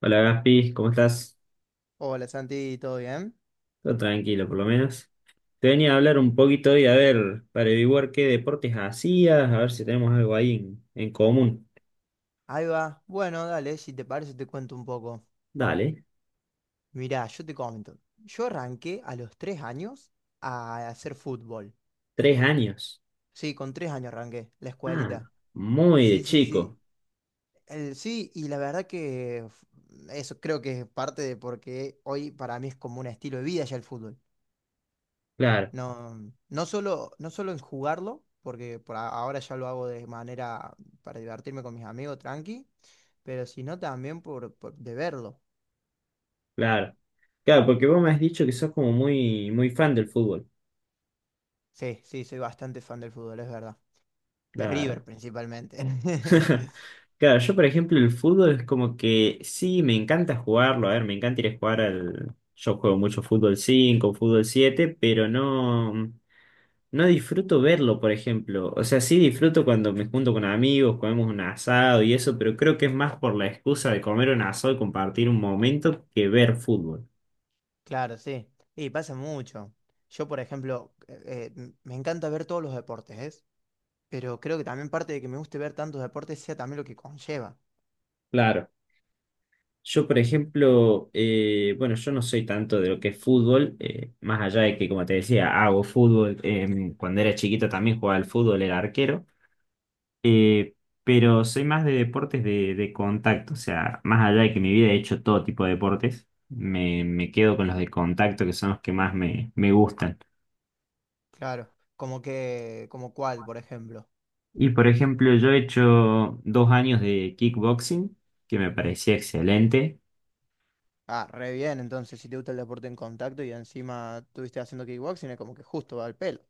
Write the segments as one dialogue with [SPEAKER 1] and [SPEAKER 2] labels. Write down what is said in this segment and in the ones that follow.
[SPEAKER 1] Hola Gaspi, ¿cómo estás?
[SPEAKER 2] Hola Santi, ¿todo bien?
[SPEAKER 1] Todo tranquilo, por lo menos. Te venía a hablar un poquito y a ver, para averiguar qué deportes hacías, a ver si tenemos algo ahí en común.
[SPEAKER 2] Ahí va. Bueno, dale, si te parece te cuento un poco.
[SPEAKER 1] Dale,
[SPEAKER 2] Mirá, yo te comento. Yo arranqué a los 3 años a hacer fútbol.
[SPEAKER 1] tres años.
[SPEAKER 2] Sí, con 3 años arranqué la escuelita.
[SPEAKER 1] Ah, muy de
[SPEAKER 2] Sí, sí,
[SPEAKER 1] chico.
[SPEAKER 2] sí. Sí, y la verdad que eso creo que es parte de porque hoy para mí es como un estilo de vida ya el fútbol.
[SPEAKER 1] Claro,
[SPEAKER 2] No, no solo en jugarlo, porque ahora ya lo hago de manera para divertirme con mis amigos, tranqui, pero sino también por de verlo.
[SPEAKER 1] claro. Claro, porque vos me has dicho que sos como muy fan del fútbol.
[SPEAKER 2] Sí, sí, soy bastante fan del fútbol, es verdad. De River
[SPEAKER 1] Claro.
[SPEAKER 2] principalmente.
[SPEAKER 1] Claro, yo por ejemplo el fútbol es como que sí, me encanta jugarlo, a ver, me encanta ir a jugar al... Yo juego mucho fútbol 5 fútbol 7 pero no disfruto verlo, por ejemplo. O sea, sí disfruto cuando me junto con amigos, comemos un asado y eso, pero creo que es más por la excusa de comer un asado y compartir un momento que ver fútbol.
[SPEAKER 2] Claro, sí. Y pasa mucho. Yo, por ejemplo, me encanta ver todos los deportes, ¿es? Pero creo que también parte de que me guste ver tantos deportes sea también lo que conlleva.
[SPEAKER 1] Claro. Yo, por ejemplo, bueno, yo no soy tanto de lo que es fútbol, más allá de que, como te decía, hago fútbol. Cuando era chiquito también jugaba al fútbol, era arquero, eh, pero soy más de deportes de contacto, o sea, más allá de que mi vida he hecho todo tipo de deportes, me quedo con los de contacto, que son los que más me gustan.
[SPEAKER 2] Claro. Como cuál, por ejemplo.
[SPEAKER 1] Y, por ejemplo, yo he hecho dos años de kickboxing, que me parecía excelente.
[SPEAKER 2] Ah, re bien, entonces, si te gusta el deporte en contacto y encima estuviste haciendo kickboxing, es como que justo va al pelo.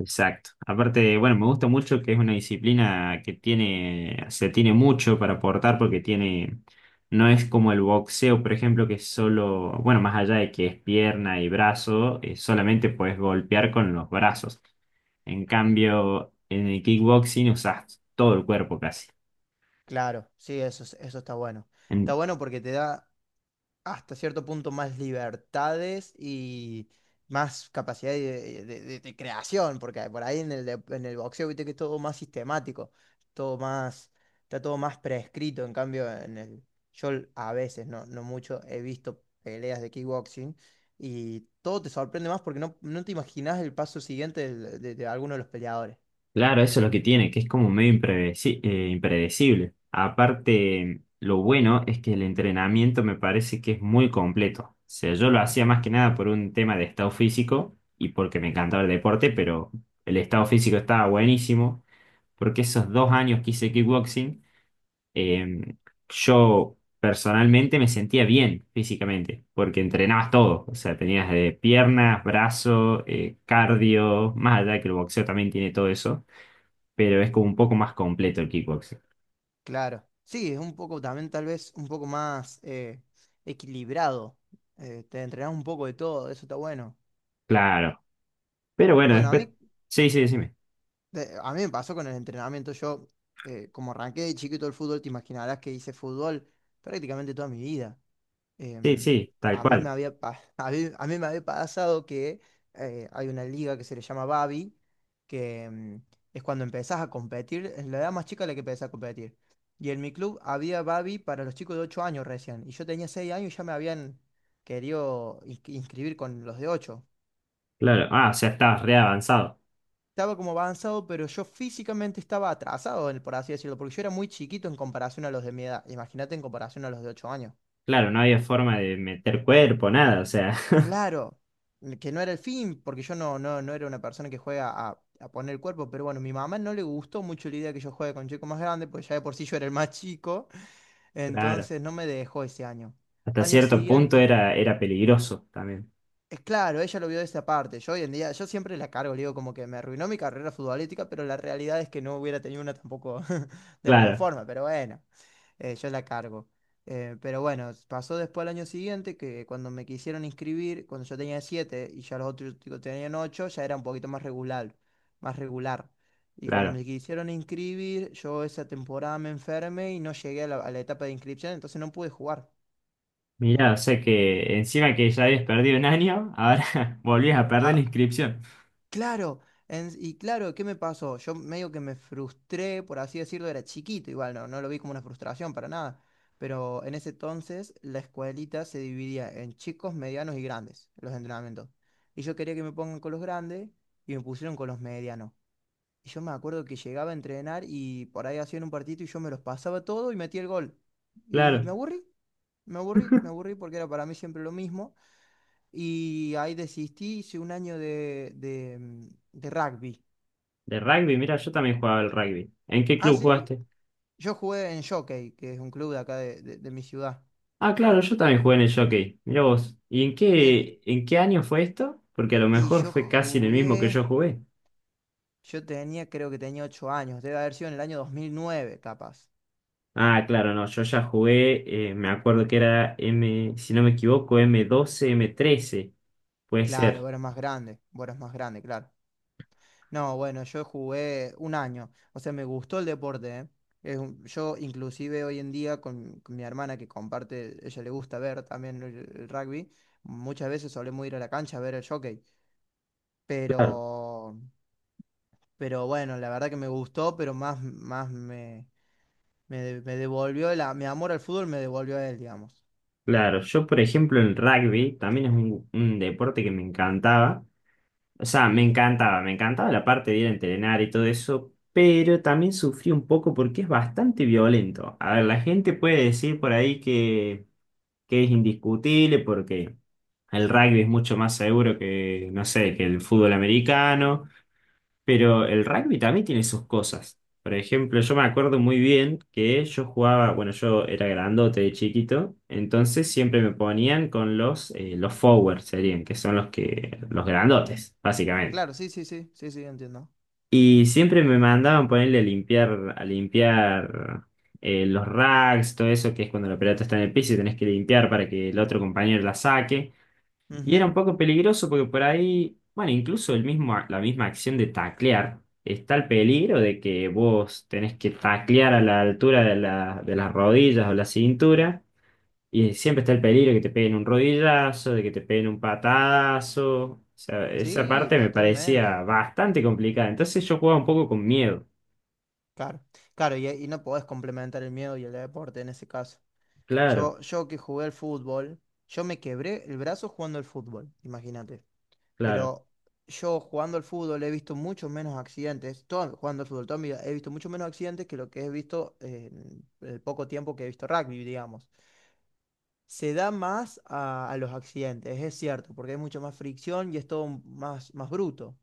[SPEAKER 1] Exacto. Aparte, bueno, me gusta mucho que es una disciplina que tiene, se tiene mucho para aportar porque tiene, no es como el boxeo, por ejemplo, que es solo, bueno, más allá de que es pierna y brazo, solamente puedes golpear con los brazos. En cambio, en el kickboxing usas todo el cuerpo casi.
[SPEAKER 2] Claro, sí, eso, eso está bueno. Está bueno porque te da hasta cierto punto más libertades y más capacidad de creación, porque por ahí en el boxeo viste que es todo más sistemático, todo más, está todo más prescrito, en cambio yo a veces, no, no mucho, he visto peleas de kickboxing y todo te sorprende más porque no te imaginas el paso siguiente de alguno de los peleadores.
[SPEAKER 1] Claro, eso es lo que tiene, que es como medio impredecible. Aparte, lo bueno es que el entrenamiento me parece que es muy completo. O sea, yo lo hacía más que nada por un tema de estado físico y porque me encantaba el deporte, pero el estado físico estaba buenísimo, porque esos dos años que hice kickboxing, eh, yo personalmente me sentía bien físicamente, porque entrenabas todo. O sea, tenías de piernas, brazos, cardio, más allá de que el boxeo también tiene todo eso pero es como un poco más completo el kickboxing.
[SPEAKER 2] Claro. Sí, es un poco también tal vez un poco más equilibrado. Te entrenás un poco de todo, eso está bueno.
[SPEAKER 1] Claro. Pero bueno,
[SPEAKER 2] Bueno, a
[SPEAKER 1] después.
[SPEAKER 2] mí,
[SPEAKER 1] Sí, sí, decime.
[SPEAKER 2] de- a mí me pasó con el entrenamiento. Yo, como arranqué de chiquito el fútbol, te imaginarás que hice fútbol prácticamente toda mi vida.
[SPEAKER 1] Sí,
[SPEAKER 2] Em,
[SPEAKER 1] sí, tal
[SPEAKER 2] a mí me
[SPEAKER 1] cual.
[SPEAKER 2] había, pa- A mí me había pasado que hay una liga que se le llama Babi, que es cuando empezás a competir, es la edad más chica a la que empezás a competir. Y en mi club había Babi para los chicos de 8 años recién. Y yo tenía 6 años y ya me habían querido inscribir con los de 8.
[SPEAKER 1] Claro. Ah, o sea, estabas re avanzado.
[SPEAKER 2] Estaba como avanzado, pero yo físicamente estaba atrasado, por así decirlo, porque yo era muy chiquito en comparación a los de mi edad. Imagínate en comparación a los de 8 años.
[SPEAKER 1] Claro, no había forma de meter cuerpo, nada. O sea,
[SPEAKER 2] Claro, que no era el fin, porque yo no era una persona que juega a poner el cuerpo, pero bueno, mi mamá no le gustó mucho la idea que yo juegue con chicos más grandes, porque ya de por sí yo era el más chico,
[SPEAKER 1] claro.
[SPEAKER 2] entonces no me dejó ese año.
[SPEAKER 1] Hasta
[SPEAKER 2] Año
[SPEAKER 1] cierto punto
[SPEAKER 2] siguiente.
[SPEAKER 1] era peligroso también.
[SPEAKER 2] Es claro, ella lo vio de esa parte. Yo hoy en día, yo siempre la cargo, le digo como que me arruinó mi carrera futbolística, pero la realidad es que no hubiera tenido una tampoco de la misma
[SPEAKER 1] Claro,
[SPEAKER 2] forma, pero bueno, yo la cargo. Pero bueno, pasó después el año siguiente que cuando me quisieron inscribir, cuando yo tenía 7 y ya los otros chicos tenían 8, ya era un poquito más regular, más regular. Y cuando
[SPEAKER 1] claro.
[SPEAKER 2] me quisieron inscribir, yo esa temporada me enfermé y no llegué a la etapa de inscripción, entonces no pude jugar.
[SPEAKER 1] Mirá, o sea que encima que ya habías perdido un año, ahora volvías a perder la
[SPEAKER 2] Ah,
[SPEAKER 1] inscripción.
[SPEAKER 2] Claro, claro, ¿qué me pasó? Yo medio que me frustré, por así decirlo, era chiquito, igual no lo vi como una frustración para nada, pero en ese entonces la escuelita se dividía en chicos, medianos y grandes, los entrenamientos. Y yo quería que me pongan con los grandes y me pusieron con los medianos. Y yo me acuerdo que llegaba a entrenar y por ahí hacían un partido y yo me los pasaba todo y metía el gol. Y me
[SPEAKER 1] Claro.
[SPEAKER 2] aburrí, me aburrí, me aburrí porque era para mí siempre lo mismo y ahí desistí, hice un año de rugby.
[SPEAKER 1] De rugby, mira, yo también jugaba al rugby. ¿En qué
[SPEAKER 2] Ah,
[SPEAKER 1] club
[SPEAKER 2] sí,
[SPEAKER 1] jugaste?
[SPEAKER 2] yo jugué en Jockey, que es un club de acá de mi ciudad.
[SPEAKER 1] Ah, claro, yo también jugué en el Jockey. Mirá vos. ¿Y
[SPEAKER 2] Mir-
[SPEAKER 1] en qué año fue esto? Porque a lo
[SPEAKER 2] Y
[SPEAKER 1] mejor
[SPEAKER 2] yo
[SPEAKER 1] fue casi en el mismo que
[SPEAKER 2] jugué,
[SPEAKER 1] yo jugué.
[SPEAKER 2] yo tenía, creo que tenía 8 años, debe haber sido en el año 2009 capaz.
[SPEAKER 1] Ah, claro, no, yo ya jugué, me acuerdo que era M, si no me equivoco, M12, M13. Puede
[SPEAKER 2] Claro,
[SPEAKER 1] ser.
[SPEAKER 2] vos eras más grande, vos eras más grande, claro. No, bueno, yo jugué un año, o sea, me gustó el deporte, ¿eh? Yo inclusive hoy en día con mi hermana que comparte, ella le gusta ver también el rugby, muchas veces solemos ir a la cancha a ver el jockey,
[SPEAKER 1] Claro.
[SPEAKER 2] pero, pero bueno, la verdad que me gustó, pero más me devolvió, mi amor al fútbol me devolvió a él, digamos.
[SPEAKER 1] Claro, yo por ejemplo en rugby, también es un deporte que me encantaba. O sea, me encantaba la parte de ir a entrenar y todo eso, pero también sufrí un poco porque es bastante violento. A ver, la gente puede decir por ahí que es indiscutible porque el rugby es mucho más seguro que, no sé, que el fútbol americano, pero el rugby también tiene sus cosas. Por ejemplo, yo me acuerdo muy bien que yo jugaba, bueno, yo era grandote de chiquito, entonces siempre me ponían con los forwards serían, que son los que, los grandotes, básicamente.
[SPEAKER 2] Claro, sí, sí, sí, sí, sí, entiendo.
[SPEAKER 1] Y siempre me mandaban ponerle a limpiar los racks, todo eso, que es cuando la pelota está en el piso y tenés que limpiar para que el otro compañero la saque. Y era
[SPEAKER 2] Ujú.
[SPEAKER 1] un poco peligroso porque por ahí, bueno, incluso el mismo, la misma acción de taclear, está el peligro de que vos tenés que taclear a la altura de las rodillas o la cintura. Y siempre está el peligro de que te peguen un rodillazo, de que te peguen un patadazo. O sea, esa
[SPEAKER 2] Sí,
[SPEAKER 1] parte me
[SPEAKER 2] totalmente.
[SPEAKER 1] parecía bastante complicada. Entonces yo jugaba un poco con miedo.
[SPEAKER 2] Claro, claro, y no podés complementar el miedo y el deporte en ese caso.
[SPEAKER 1] Claro,
[SPEAKER 2] Yo que jugué al fútbol, yo me quebré el brazo jugando al fútbol, imagínate.
[SPEAKER 1] claro.
[SPEAKER 2] Pero yo jugando al fútbol he visto muchos menos accidentes, jugando al fútbol toda mi vida, he visto muchos menos accidentes que lo que he visto en el poco tiempo que he visto rugby, digamos. Se da más a los accidentes, es cierto, porque hay mucha más fricción y es todo más, más bruto.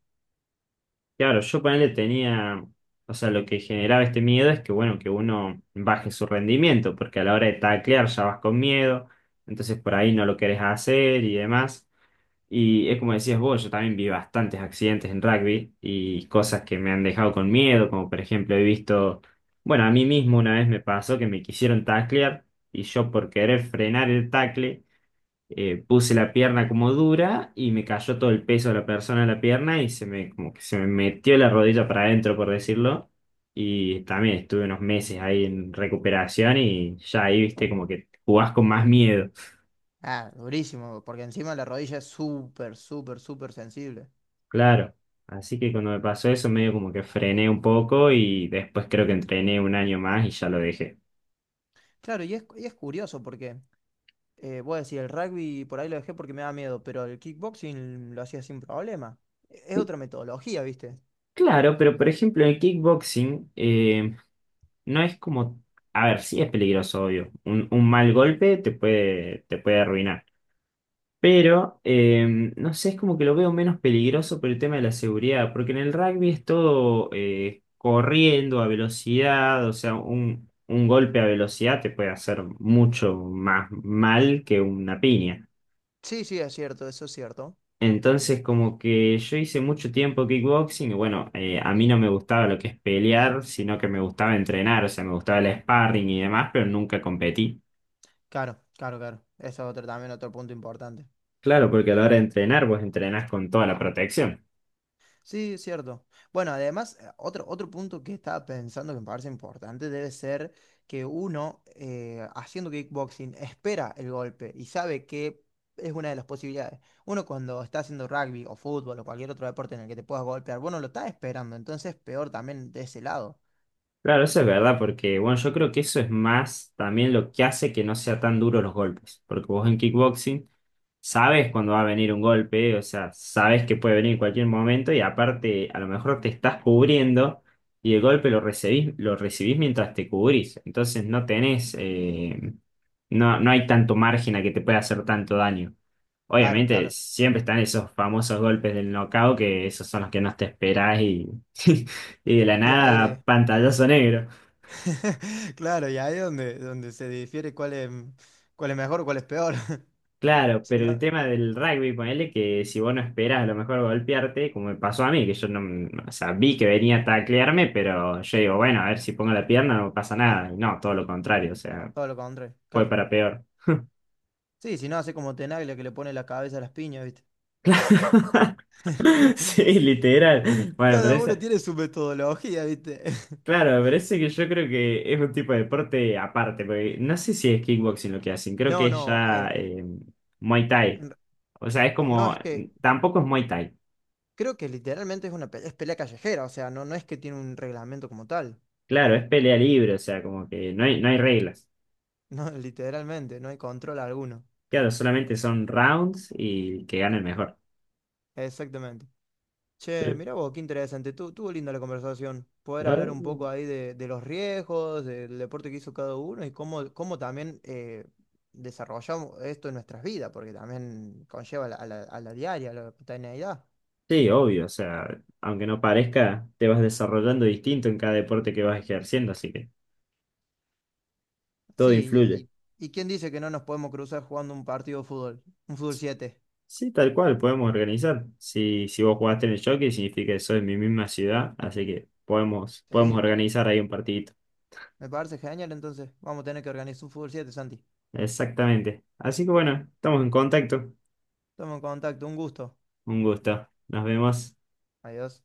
[SPEAKER 1] Claro, yo ponele tenía. O sea, lo que generaba este miedo es que, bueno, que uno baje su rendimiento, porque a la hora de taclear ya vas con miedo, entonces por ahí no lo querés hacer y demás. Y es como decías vos, yo también vi bastantes accidentes en rugby y cosas que me han dejado con miedo, como por ejemplo he visto, bueno, a mí mismo una vez me pasó que me quisieron taclear y yo por querer frenar el tacle puse la pierna como dura y me cayó todo el peso de la persona en la pierna y se me, como que se me metió la rodilla para adentro, por decirlo. Y también estuve unos meses ahí en recuperación y ya ahí, viste, como que jugás con más miedo.
[SPEAKER 2] Ah, durísimo, porque encima la rodilla es súper, súper, súper sensible.
[SPEAKER 1] Claro, así que cuando me pasó eso medio como que frené un poco y después creo que entrené un año más y ya lo dejé.
[SPEAKER 2] Claro, y es curioso porque voy a decir, el rugby por ahí lo dejé porque me da miedo, pero el kickboxing lo hacía sin problema. Es otra metodología, ¿viste?
[SPEAKER 1] Claro, pero por ejemplo en el kickboxing no es como, a ver, sí es peligroso, obvio, un mal golpe te puede arruinar. Pero, no sé, es como que lo veo menos peligroso por el tema de la seguridad, porque en el rugby es todo corriendo a velocidad, o sea, un golpe a velocidad te puede hacer mucho más mal que una piña.
[SPEAKER 2] Sí, sí, es cierto, eso es cierto.
[SPEAKER 1] Entonces, como que yo hice mucho tiempo kickboxing y bueno, a mí no me gustaba lo que es pelear, sino que me gustaba entrenar, o sea, me gustaba el sparring y demás, pero nunca competí.
[SPEAKER 2] Claro, claro, claro. Eso es otro, también otro punto importante.
[SPEAKER 1] Claro, porque a la hora de entrenar, vos entrenás con toda la protección.
[SPEAKER 2] Sí, es cierto. Bueno, además, otro punto que estaba pensando que me parece importante debe ser que uno, haciendo kickboxing, espera el golpe y sabe que es una de las posibilidades. Uno cuando está haciendo rugby o fútbol o cualquier otro deporte en el que te puedas golpear, bueno, lo está esperando, entonces peor también de ese lado.
[SPEAKER 1] Claro, eso es verdad, porque bueno, yo creo que eso es más también lo que hace que no sea tan duro los golpes. Porque vos en kickboxing sabes cuando va a venir un golpe, o sea, sabes que puede venir en cualquier momento y aparte a lo mejor te estás cubriendo y el golpe lo recibís mientras te cubrís. Entonces no tenés, no hay tanto margen a que te pueda hacer tanto daño.
[SPEAKER 2] Claro,
[SPEAKER 1] Obviamente
[SPEAKER 2] claro.
[SPEAKER 1] siempre están esos famosos golpes del knockout que esos son los que no te esperás y, y de la
[SPEAKER 2] Y ahí,
[SPEAKER 1] nada pantallazo negro.
[SPEAKER 2] claro, y ahí es donde, se difiere cuál es mejor o cuál es peor.
[SPEAKER 1] Claro,
[SPEAKER 2] Si
[SPEAKER 1] pero el
[SPEAKER 2] no,
[SPEAKER 1] tema del rugby, ponele que si vos no esperás a lo mejor golpearte, como me pasó a mí, que yo no, no, o sea, vi que venía a taclearme, pero yo digo, bueno, a ver si pongo la pierna no pasa nada. Y no, todo lo contrario, o sea,
[SPEAKER 2] todo lo contrario,
[SPEAKER 1] fue
[SPEAKER 2] claro.
[SPEAKER 1] para peor.
[SPEAKER 2] Sí, si no, hace como Tenaglia que le pone la cabeza a las piñas, ¿viste?
[SPEAKER 1] Claro. Sí, literal. Bueno, pero
[SPEAKER 2] Cada uno
[SPEAKER 1] ese,
[SPEAKER 2] tiene su metodología, ¿viste?
[SPEAKER 1] claro, pero ese que yo creo que es un tipo de deporte aparte, porque no sé si es kickboxing lo que hacen, creo que
[SPEAKER 2] No,
[SPEAKER 1] es
[SPEAKER 2] no,
[SPEAKER 1] ya Muay Thai.
[SPEAKER 2] en
[SPEAKER 1] O sea, es como,
[SPEAKER 2] es que
[SPEAKER 1] tampoco es Muay Thai.
[SPEAKER 2] creo que literalmente es una pelea, es pelea callejera, o sea, no, no es que tiene un reglamento como tal.
[SPEAKER 1] Claro, es pelea libre, o sea, como que no hay reglas.
[SPEAKER 2] No, literalmente, no hay control alguno.
[SPEAKER 1] Claro, solamente son rounds y que gane el mejor.
[SPEAKER 2] Exactamente. Che,
[SPEAKER 1] Pero,
[SPEAKER 2] mirá vos, qué interesante. Tuvo linda la conversación. Poder
[SPEAKER 1] ah,
[SPEAKER 2] hablar un poco ahí de los riesgos, del deporte que hizo cada uno y cómo también desarrollamos esto en nuestras vidas, porque también conlleva a la diaria, a la cotidianidad.
[SPEAKER 1] sí, obvio, o sea, aunque no parezca, te vas desarrollando distinto en cada deporte que vas ejerciendo, así que todo
[SPEAKER 2] Sí,
[SPEAKER 1] influye.
[SPEAKER 2] y quién dice que no nos podemos cruzar jugando un partido de fútbol, un fútbol 7.
[SPEAKER 1] Sí, tal cual, podemos organizar. Si, si vos jugaste en el jockey, significa que soy de mi misma ciudad, así que podemos, podemos
[SPEAKER 2] Sí,
[SPEAKER 1] organizar ahí un partidito.
[SPEAKER 2] me parece genial, entonces vamos a tener que organizar un fútbol 7, Santi.
[SPEAKER 1] Exactamente. Así que bueno, estamos en contacto.
[SPEAKER 2] Toma en contacto, un gusto.
[SPEAKER 1] Un gusto. Nos vemos.
[SPEAKER 2] Adiós.